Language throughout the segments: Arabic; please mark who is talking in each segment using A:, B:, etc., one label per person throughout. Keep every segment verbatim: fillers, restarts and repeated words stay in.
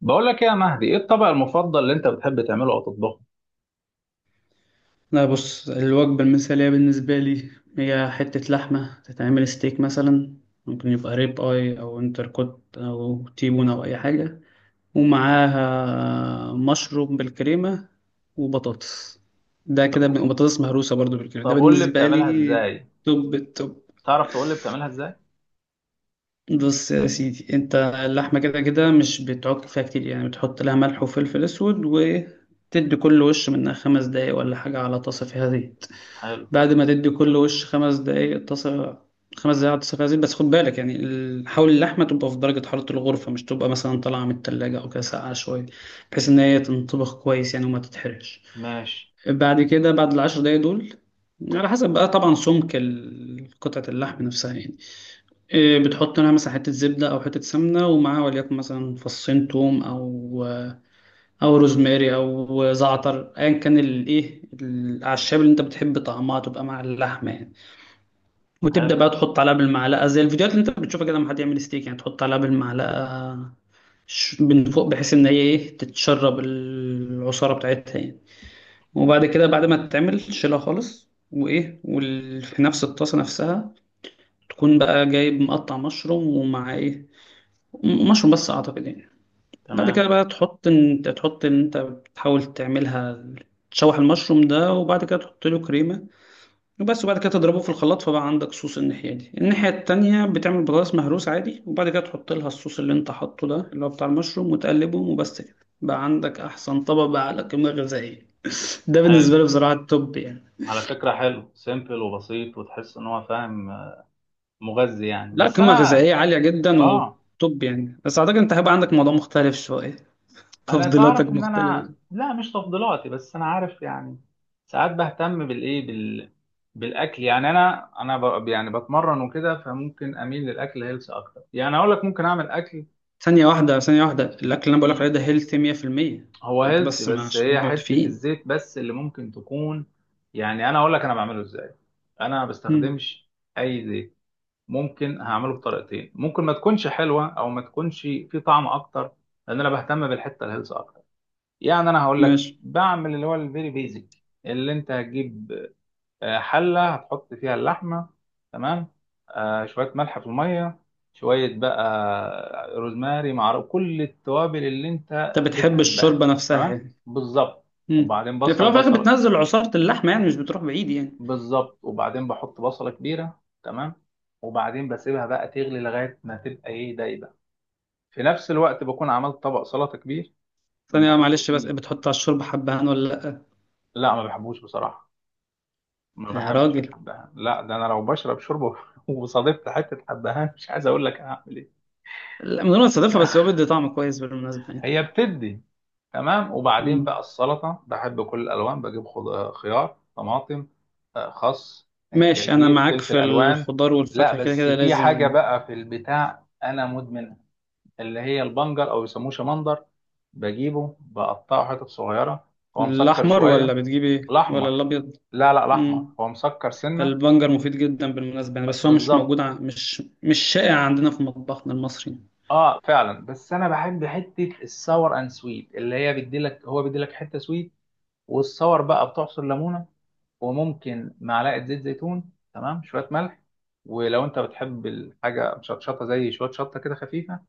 A: بقول لك إيه يا مهدي، ايه الطبق المفضل اللي انت بتحب تعمله او تطبخه؟
B: لا، بص الوجبة المثالية بالنسبة لي هي حتة لحمة تتعمل ستيك مثلا، ممكن يبقى ريب اي او انتركوت او تيبون او اي حاجة ومعاها مشروم بالكريمة وبطاطس. ده
A: طب
B: كده ب- وبطاطس مهروسة برضو بالكريمة، ده
A: طب قول لي
B: بالنسبة
A: بتعملها
B: لي
A: ازاي؟
B: توب التوب.
A: تعرف تقول لي بتعملها ازاي؟
B: بص يا سيدي، انت اللحمة كده كده مش بتعك فيها كتير يعني، بتحط لها ملح وفلفل اسود وتدي كل وش منها خمس دقايق ولا حاجة على طاسة فيها زيت.
A: حلو.
B: بعد ما تدي كل وش خمس دقايق اتصل، خمس دقايق اتصل فيها زيت، بس خد بالك يعني، ال- حاول اللحمة تبقى في درجة حرارة الغرفة، مش تبقى مثلا طالعة من التلاجة أو كده ساقعة شوية، بحيث إن هي تنطبخ كويس يعني وما تتحرقش.
A: ماشي.
B: بعد كده بعد العشر دقايق دول، على حسب بقى طبعا سمك ال- قطعة اللحم نفسها يعني إيه، بتحط لها مثلا حتة زبدة أو حتة سمنة ومعاها وليكن مثلا فصين توم أو أو روزماري أو زعتر، أيا كان الإيه الأعشاب اللي أنت بتحب طعمها تبقى مع اللحمة يعني. وتبدأ
A: حلو.
B: بقى تحط عليها بالمعلقة زي الفيديوهات اللي انت بتشوفها كده لما حد يعمل ستيك، يعني تحط عليها بالمعلقة ش- من فوق بحيث ان هي ايه تتشرب العصارة بتاعتها يعني. وبعد كده بعد ما تتعمل تشيلها خالص وايه وفي نفس الطاسة نفسها تكون بقى جايب مقطع مشروم، ومع ايه م- مشروم بس اعتقد يعني. بعد
A: تمام.
B: كده بقى تحط انت تحط ان انت بتحاول تعملها، تشوح المشروم ده وبعد كده تحط له كريمة وبس، وبعد كده تضربه في الخلاط فبقى عندك صوص. الناحية دي. الناحية التانية بتعمل بطاطس مهروس عادي، وبعد كده تحط لها الصوص اللي انت حاطه ده اللي هو بتاع المشروم وتقلبهم وبس كده، بقى عندك أحسن طبق بقى على قيمة غذائية. ده بالنسبة
A: حلو.
B: لي بصراحة التوب يعني.
A: على فكرة حلو، سيمبل وبسيط وتحس ان هو فاهم. آه، مغذي يعني،
B: لا،
A: بس
B: قيمة
A: انا
B: غذائية عالية جدا
A: اه
B: وتوب يعني، بس أعتقد أنت هيبقى عندك موضوع مختلف شوية
A: انا
B: تفضيلاتك
A: تعرف ان انا،
B: مختلفة.
A: لا، مش تفضيلاتي بس انا عارف يعني. ساعات بهتم بالايه، بال بالاكل يعني. انا انا ب... يعني بتمرن وكده، فممكن اميل للاكل هيلث اكتر، يعني اقول لك ممكن اعمل اكل.
B: ثانية واحدة، ثانية واحدة، الأكل اللي أنا بقولك عليه ده هيلثي مية في المية،
A: هو
B: أنت
A: هيلثي،
B: بس ما
A: بس
B: عشان
A: هي
B: نبقى
A: حتة
B: متفقين.
A: الزيت بس اللي ممكن تكون. يعني أنا أقول لك أنا بعمله إزاي. أنا ما
B: مم.
A: بستخدمش أي زيت. ممكن هعمله بطريقتين، ممكن ما تكونش حلوة أو ما تكونش في طعم أكتر. لأن أنا بهتم بالحتة الهيلث أكتر. يعني أنا هقول لك
B: ماشي.
A: بعمل اللي هو الفيري بيزك. اللي أنت هتجيب، آه، حلة هتحط فيها اللحمة. تمام. آه، شوية ملح في المية، شوية بقى روزماري مع كل التوابل اللي انت
B: أنت بتحب
A: بتحبها.
B: الشوربة نفسها
A: تمام
B: إيه؟
A: بالظبط.
B: امم
A: وبعدين
B: في الأول
A: بصل
B: وفي الآخر
A: بصلة.
B: بتنزل عصارة اللحمة يعني، مش بتروح بعيد يعني.
A: بالظبط، وبعدين بحط بصلة كبيرة. تمام. وبعدين بسيبها بقى تغلي لغاية ما تبقى ايه دايبة. في نفس الوقت بكون عملت طبق سلطة كبير
B: ثانية
A: بحط
B: معلش، بس
A: فيه.
B: بتحط على الشوربة حبهان ولا لأ؟
A: لا، ما بحبوش بصراحة. ما
B: يا
A: بحبش
B: راجل،
A: الحبهان. لا، ده انا لو بشرب شوربة وصادفت حتة حبهان مش عايز اقول لك هعمل ايه.
B: لا من غير ما تستضيفها، بس هو بيدي طعم كويس بالمناسبة يعني.
A: هي بتدي. تمام. وبعدين بقى
B: مم.
A: السلطه، بحب كل الالوان، بجيب خض- خيار، طماطم، آه، خس، آه،
B: ماشي، أنا
A: جرجير،
B: معاك
A: فلفل
B: في
A: الوان.
B: الخضار
A: لا،
B: والفاكهة كده
A: بس
B: كده
A: في حاجه
B: لازم.
A: بقى في البتاع انا مدمنها، اللي هي البنجر او يسموه شمندر. بجيبه، بقطعه حتت صغيره. هو مسكر
B: الأحمر ولا
A: شويه.
B: بتجيب إيه، ولا
A: الاحمر.
B: الأبيض؟
A: لا، لا، الاحمر
B: مم.
A: هو مسكر سنه.
B: البنجر مفيد جدا بالمناسبة يعني، بس هو مش
A: بالظبط.
B: موجود ع... مش مش شائع عندنا في مطبخنا المصري يعني.
A: اه، فعلا. بس انا بحب حته الساور اند سويت، اللي هي بيديلك، هو بيديلك حته سويت. والصور بقى بتعصر ليمونه، وممكن معلقه زيت زيتون، تمام، شويه ملح. ولو انت بتحب الحاجه مشطشطه زي شويه شطه كده خفيفه.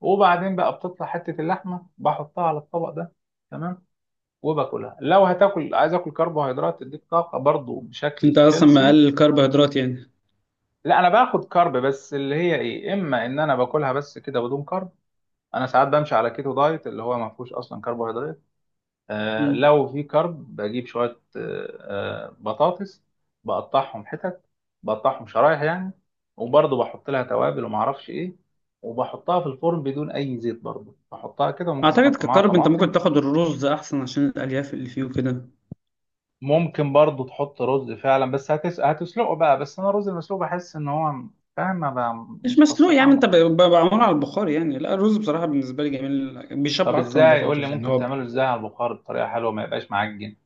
A: وبعدين بقى بتطلع حته اللحمه بحطها على الطبق ده. تمام. وباكلها. لو هتاكل عايز اكل كربوهيدرات تديك طاقه برضو
B: أنت
A: بشكل
B: أصلا
A: هيلسي.
B: مقلل الكربوهيدرات يعني.
A: لا، انا باخد كارب، بس اللي هي ايه، اما ان انا باكلها بس كده بدون كارب. انا ساعات بمشي على كيتو دايت اللي هو ما فيهوش اصلا كربوهيدرات. آه،
B: مم.
A: لو في كرب بجيب شوية، آه، آه، بطاطس، بقطعهم حتت، بقطعهم شرايح يعني، وبرضه بحط لها توابل ومعرفش ايه، وبحطها في الفرن بدون اي زيت، برضه بحطها كده، وممكن
B: أعتقد
A: احط معاها
B: ككرب أنت ممكن
A: طماطم.
B: تاخد الرز أحسن عشان الألياف اللي فيه وكده.
A: ممكن برضه تحط رز فعلا، بس هتس... هتسلقه بقى، بس انا الرز المسلوق بحس ان هو، فاهم ما بقى،
B: مش
A: مش
B: مسلوق يا عم،
A: بستطعمه
B: انت ب-
A: يعني.
B: ب- بعمله على البخار يعني. لا الرز بصراحة بالنسبة لي جميل،
A: طب
B: بيشبع اكتر من
A: ازاي، يقول لي
B: البطاطس يعني
A: ممكن
B: هو.
A: تعمله ازاي على البخار بطريقة حلوة ما يبقاش معجن؟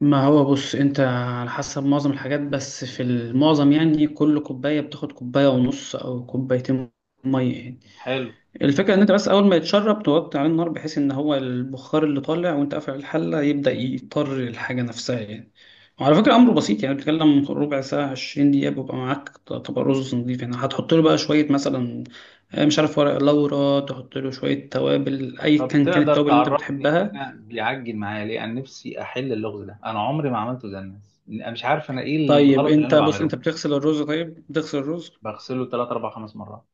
B: ما هو بص، انت على حسب معظم الحاجات، بس في المعظم يعني كل كوباية بتاخد كوباية ونص او كوبايتين مية يعني.
A: حلو.
B: الفكرة ان انت بس اول ما يتشرب توطي عليه النار بحيث ان هو البخار اللي طالع وانت قافل الحلة يبدأ يطر الحاجة نفسها يعني. وعلى فكرة امره بسيط يعني، بتتكلم ربع ساعة عشرين دقيقة بيبقى معاك طبق رز نضيف يعني. هتحط له بقى شوية مثلا آه، مش عارف ورق لورا، تحط له شوية توابل اي
A: طب
B: كان كانت
A: تقدر
B: التوابل اللي انت
A: تعرفني
B: بتحبها.
A: انا بيعجل معايا ليه؟ انا نفسي احل اللغز ده، انا عمري ما عملته زي الناس، انا مش عارف انا ايه
B: طيب
A: الغلط اللي
B: انت
A: انا
B: بص،
A: بعمله.
B: انت بتغسل الرز، طيب بتغسل الرز
A: بغسله ثلاث، أربع، خمس مرات.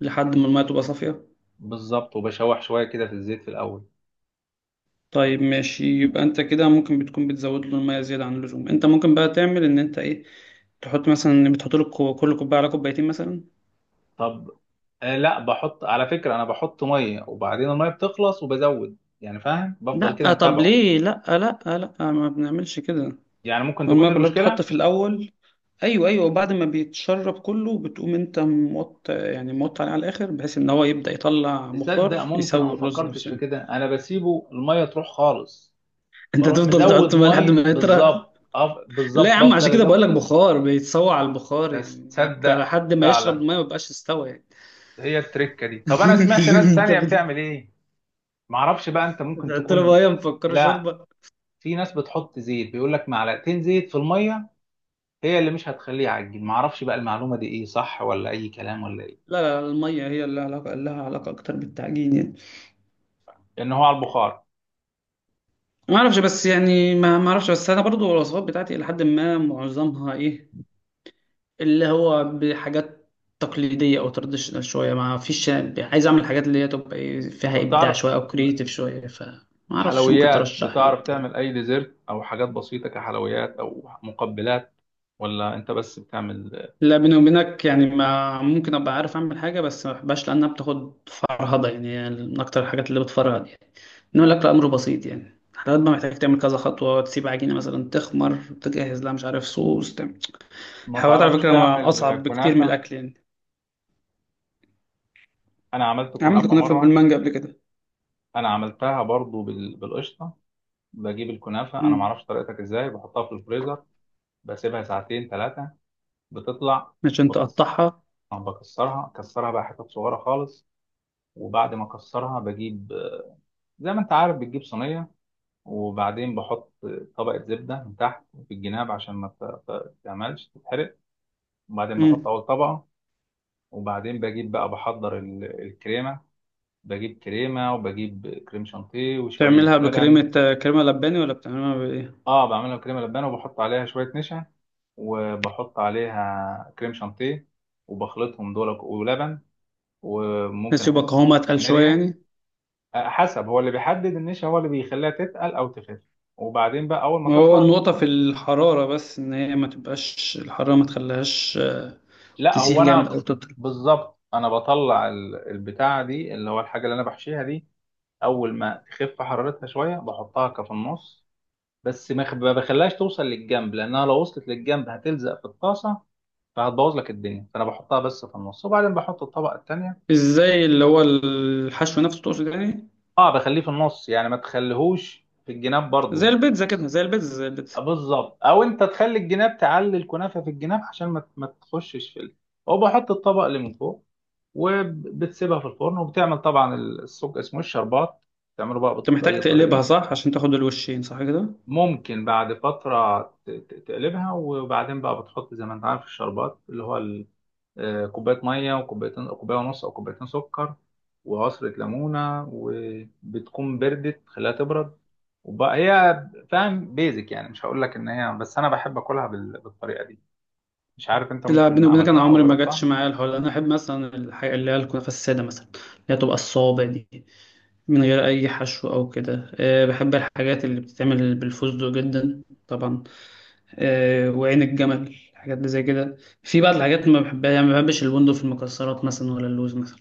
B: لحد ما المية تبقى صافية.
A: بالظبط، وبشوح شويه كده في الزيت في الاول.
B: طيب ماشي، يبقى انت كده ممكن بتكون بتزود له المية زيادة عن اللزوم. انت ممكن بقى تعمل ان انت ايه، تحط مثلا، بتحط له كو- كل كوبايه على كوبايتين مثلا.
A: طب. آه، لا، بحط على فكره. انا بحط ميه وبعدين الميه بتخلص وبزود يعني، فاهم، بفضل كده
B: لا طب
A: متابعه.
B: ليه؟ لا لا لا ما بنعملش كده،
A: يعني ممكن تكون
B: الميه
A: دي
B: كلها بتتحط
A: المشكله.
B: في الاول. ايوه ايوه وبعد ما بيتشرب كله بتقوم انت موط يعني، موط عليه على الاخر بحيث ان هو يبدا يطلع
A: تصدق،
B: بخار
A: ممكن انا
B: يسوي
A: ما
B: الرز
A: فكرتش
B: نفسه
A: في
B: يعني.
A: كده. انا بسيبه الميه تروح خالص،
B: انت
A: بروح
B: تفضل
A: مزود
B: تحط بقى لحد ما
A: ميه،
B: يطرى؟
A: بالظبط، أف-
B: لا يا
A: بالظبط
B: عم، عشان
A: بفضل
B: كده
A: ازود.
B: بقول لك بخار، بيتسوى على البخار
A: بس
B: يعني، انت
A: تصدق،
B: لحد ما يشرب
A: فعلا
B: الميه ما بقاش استوى يعني.
A: هي التركه دي. طب انا سمعت ناس
B: انت
A: تانية
B: بت-
A: بتعمل ايه؟ معرفش بقى، انت ممكن
B: بتحط له
A: تكون.
B: ميه مفكره
A: لا،
B: شوربه.
A: في ناس بتحط زيت، بيقول لك معلقتين زيت في الميه، هي اللي مش هتخليه يعجن. معرفش بقى المعلومه دي ايه، صح ولا اي كلام ولا ايه.
B: لا لا المية هي اللي علاقة لها، علاقة أكتر بالتعجين يعني.
A: لان هو على البخار.
B: ما أعرفش بس يعني، ما ما أعرفش بس. أنا برضو الوصفات بتاعتي إلى حد ما معظمها إيه اللي هو بحاجات تقليدية أو تراديشنال شوية. ما فيش يعني عايز أعمل حاجات اللي هي تبقى إيه فيها
A: طب
B: إبداع
A: تعرف
B: شوية أو كرييتيف شوية، فما أعرفش، ممكن
A: حلويات؟
B: ترشح لي
A: بتعرف
B: تاني؟
A: تعمل اي ديزرت او حاجات بسيطه كحلويات او مقبلات، ولا انت بس بتعمل؟
B: لا بيني وبينك يعني، ما ممكن أبقى عارف أعمل حاجة بس ما بحبهاش لأنها بتاخد فرهضة يعني، من أكتر الحاجات اللي بتفرهد يعني. نقول لك الأمر بسيط يعني، حضرتك بقى محتاج تعمل كذا خطوة، تسيب عجينة مثلا تخمر، تجهز لها مش عارف صوص تعمل.
A: ما
B: الحلويات على
A: تعرفش
B: فكرة ما
A: تعمل
B: أصعب بكتير من
A: كنافه؟
B: الأكل يعني.
A: انا عملت
B: عملت
A: كنافه
B: كنافة
A: مره.
B: بالمانجا قبل كده.
A: انا عملتها برضو بال- بالقشطه. بجيب الكنافه، انا ما
B: مم.
A: اعرفش طريقتك ازاي، بحطها في الفريزر، بسيبها ساعتين ثلاثه، بتطلع.
B: عشان
A: بكسر
B: تقطعها.
A: بكسرها كسرها بقى حتت صغيره خالص. وبعد ما اكسرها، بجيب، زي ما انت عارف، بتجيب صينيه، وبعدين بحط طبقه زبده من تحت، في الجناب عشان ما ت- ت- تعملش تتحرق. وبعدين بحط
B: مم.
A: اول طبقه. وبعدين بجيب بقى، بحضر ال- الكريمه، بجيب كريمه وبجيب كريم شانتيه وشويه
B: تعملها
A: لبن.
B: بكريمة آه، كريمة لباني، ولا بتعملها بإيه؟
A: اه، بعملها كريمه لبانه، وبحط عليها شويه نشا، وبحط عليها كريم شانتيه، وبخلطهم دول ولبن، وممكن
B: بس يبقى
A: حته
B: قوامها أتقل شوية
A: فانيليا.
B: يعني.
A: آه، حسب، هو اللي بيحدد النشا، هو اللي بيخليها تتقل او تخف. وبعدين بقى اول ما
B: ما هو
A: تطلع.
B: النقطة في الحرارة بس، إن هي ما تبقاش الحرارة ما تخليهاش آه،
A: لا،
B: تسيح
A: هو
B: جامد
A: انا
B: أو تطرى.
A: بالظبط، انا بطلع ال- البتاعه دي اللي هو الحاجه اللي انا بحشيها دي، اول ما تخف حرارتها شويه بحطها كفي النص. بس ما بخ- ما بخليهاش توصل للجنب، لانها لو وصلت للجنب هتلزق في الطاسه، فهتبوظ لك الدنيا، فانا بحطها بس في النص، وبعدين بحط الطبقه التانيه.
B: ازاي، اللي هو الحشو نفسه تقصد يعني؟
A: اه، بخليه في النص يعني، ما تخليهوش في الجناب
B: زي
A: برضو. لا،
B: البيتزا كده، زي البيتزا، زي البيتزا.
A: بالظبط، او انت تخلي الجناب، تعلي الكنافه في الجناب عشان ما ما تخشش في ال- وبحط الطبق اللي من فوق، وبتسيبها في الفرن، وبتعمل طبعا السوق اسمه الشربات. تعمله بقى
B: انت
A: بط-
B: محتاج
A: باي طريقه.
B: تقلبها صح عشان تاخد الوشين صح كده.
A: ممكن بعد فتره ت- ت- تقلبها، وبعدين بقى بتحط زي ما انت عارف الشربات، اللي هو آه، كوباية مية وكوبايتين، كوباية ونص أو كوبايتين سكر، وعصرة ليمونة، وبتكون بردت، خليها تبرد. وبقى هي، فاهم، بيزك يعني، مش هقول لك إن هي، بس أنا بحب أكلها بال- بالطريقة دي. مش عارف أنت
B: لا
A: ممكن
B: بيني وبينك انا
A: عملتها أو
B: عمري ما جاتش
A: جربتها.
B: معايا الحوار ده. انا احب مثلا الحاجه اللي هي الكنافه الساده مثلا، اللي هي تبقى الصابع دي، من غير اي حشو او كده. أه، بحب الحاجات اللي بتتعمل بالفستق جدا طبعا، أه، وعين الجمل، الحاجات اللي زي كده. في بعض الحاجات اللي ما بحبها يعني، ما بحبش البندق في المكسرات مثلا، ولا اللوز مثلا،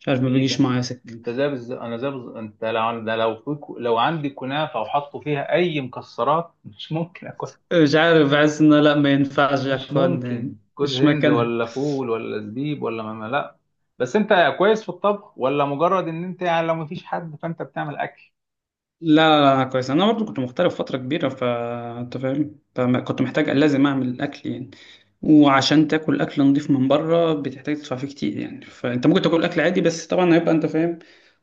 B: مش عارف، ما
A: إيه
B: بيجيش
A: ده؟
B: معايا سكه.
A: أنت زي بز... أنا زي بز... أنت لو ده لو في... لو عندي كنافة وحطوا فيها أي مكسرات مش ممكن.
B: مش عارف، بحس ان لا ما ينفعش يا
A: مش
B: اخوان يعني،
A: ممكن جوز
B: مش
A: هند
B: مكانها.
A: ولا فول ولا زبيب ولا ما ما- لا. بس انت كويس في الطبخ، ولا مجرد ان انت يعني لو مفيش حد فانت بتعمل اكل؟
B: لا لا لا أنا كويس، انا برضو كنت مغترب فتره كبيره فانت فاهم، فما- كنت محتاج لازم اعمل اكل يعني. وعشان تاكل اكل نضيف من بره بتحتاج تدفع فيه كتير يعني، فانت ممكن تاكل اكل عادي بس طبعا هيبقى انت فاهم،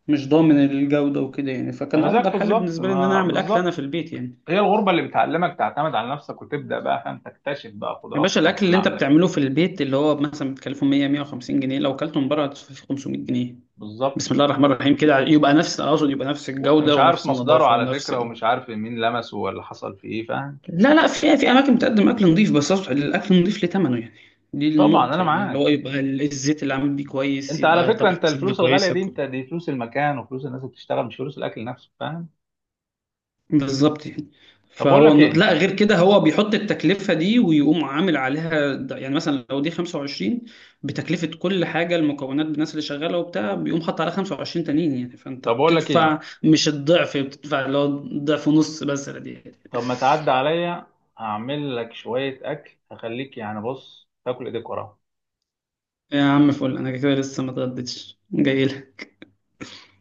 B: مش ضامن الجوده وكده يعني، فكان
A: انا زيك
B: افضل حل
A: بالظبط
B: بالنسبه لي ان انا
A: ما
B: اعمل اكل انا
A: بالظبط.
B: في البيت يعني.
A: هي الغربه اللي بتعلمك تعتمد على نفسك، وتبدا بقى، فاهم، تكتشف بقى
B: يا
A: قدرات
B: باشا،
A: الطبخ
B: الاكل اللي
A: اللي
B: انت
A: عندك.
B: بتعمله في البيت اللي هو مثلا بتكلفه مية مية وخمسين جنيه، لو اكلته من بره هتدفع فيه خمسمية جنيه.
A: بالظبط.
B: بسم الله الرحمن الرحيم كده، يبقى نفس، اقصد يبقى نفس
A: وانت
B: الجوده
A: مش عارف
B: ونفس
A: مصدره
B: النظافه
A: على
B: ونفس.
A: فكره، ومش عارف مين لمسه ولا حصل فيه ايه، فاهم.
B: لا لا في في اماكن بتقدم اكل نظيف، بس أصبح الاكل نظيف ليه ثمنه يعني. دي
A: طبعا
B: النقطه
A: انا
B: يعني، اللي هو
A: معاك.
B: يبقى ال- الزيت اللي عامل بيه كويس،
A: انت على
B: يبقى
A: فكره،
B: طبخ
A: انت
B: بسمنه
A: الفلوس الغاليه
B: كويسه
A: دي،
B: كو-
A: انت دي فلوس المكان وفلوس الناس اللي بتشتغل، مش فلوس الاكل نفسه، فاهم.
B: بالظبط يعني.
A: طب اقول
B: فهو
A: لك
B: الن-
A: ايه
B: لا غير كده، هو بيحط التكلفه دي ويقوم عامل عليها د- يعني مثلا لو دي خمسة وعشرين بتكلفه كل حاجه، المكونات بالناس اللي شغاله وبتاع، بيقوم حاطط عليها خمسة وعشرين تانيين يعني، فانت
A: طب اقول لك ايه
B: بتدفع مش الضعف، بتدفع اللي هو ضعف ونص بس دي يعني.
A: طب ما تعدي عليا. هعمل لك شوية أكل هخليك، يعني بص تاكل إيديك وراها.
B: يا عم فل، انا كده لسه ما اتغديتش جاي.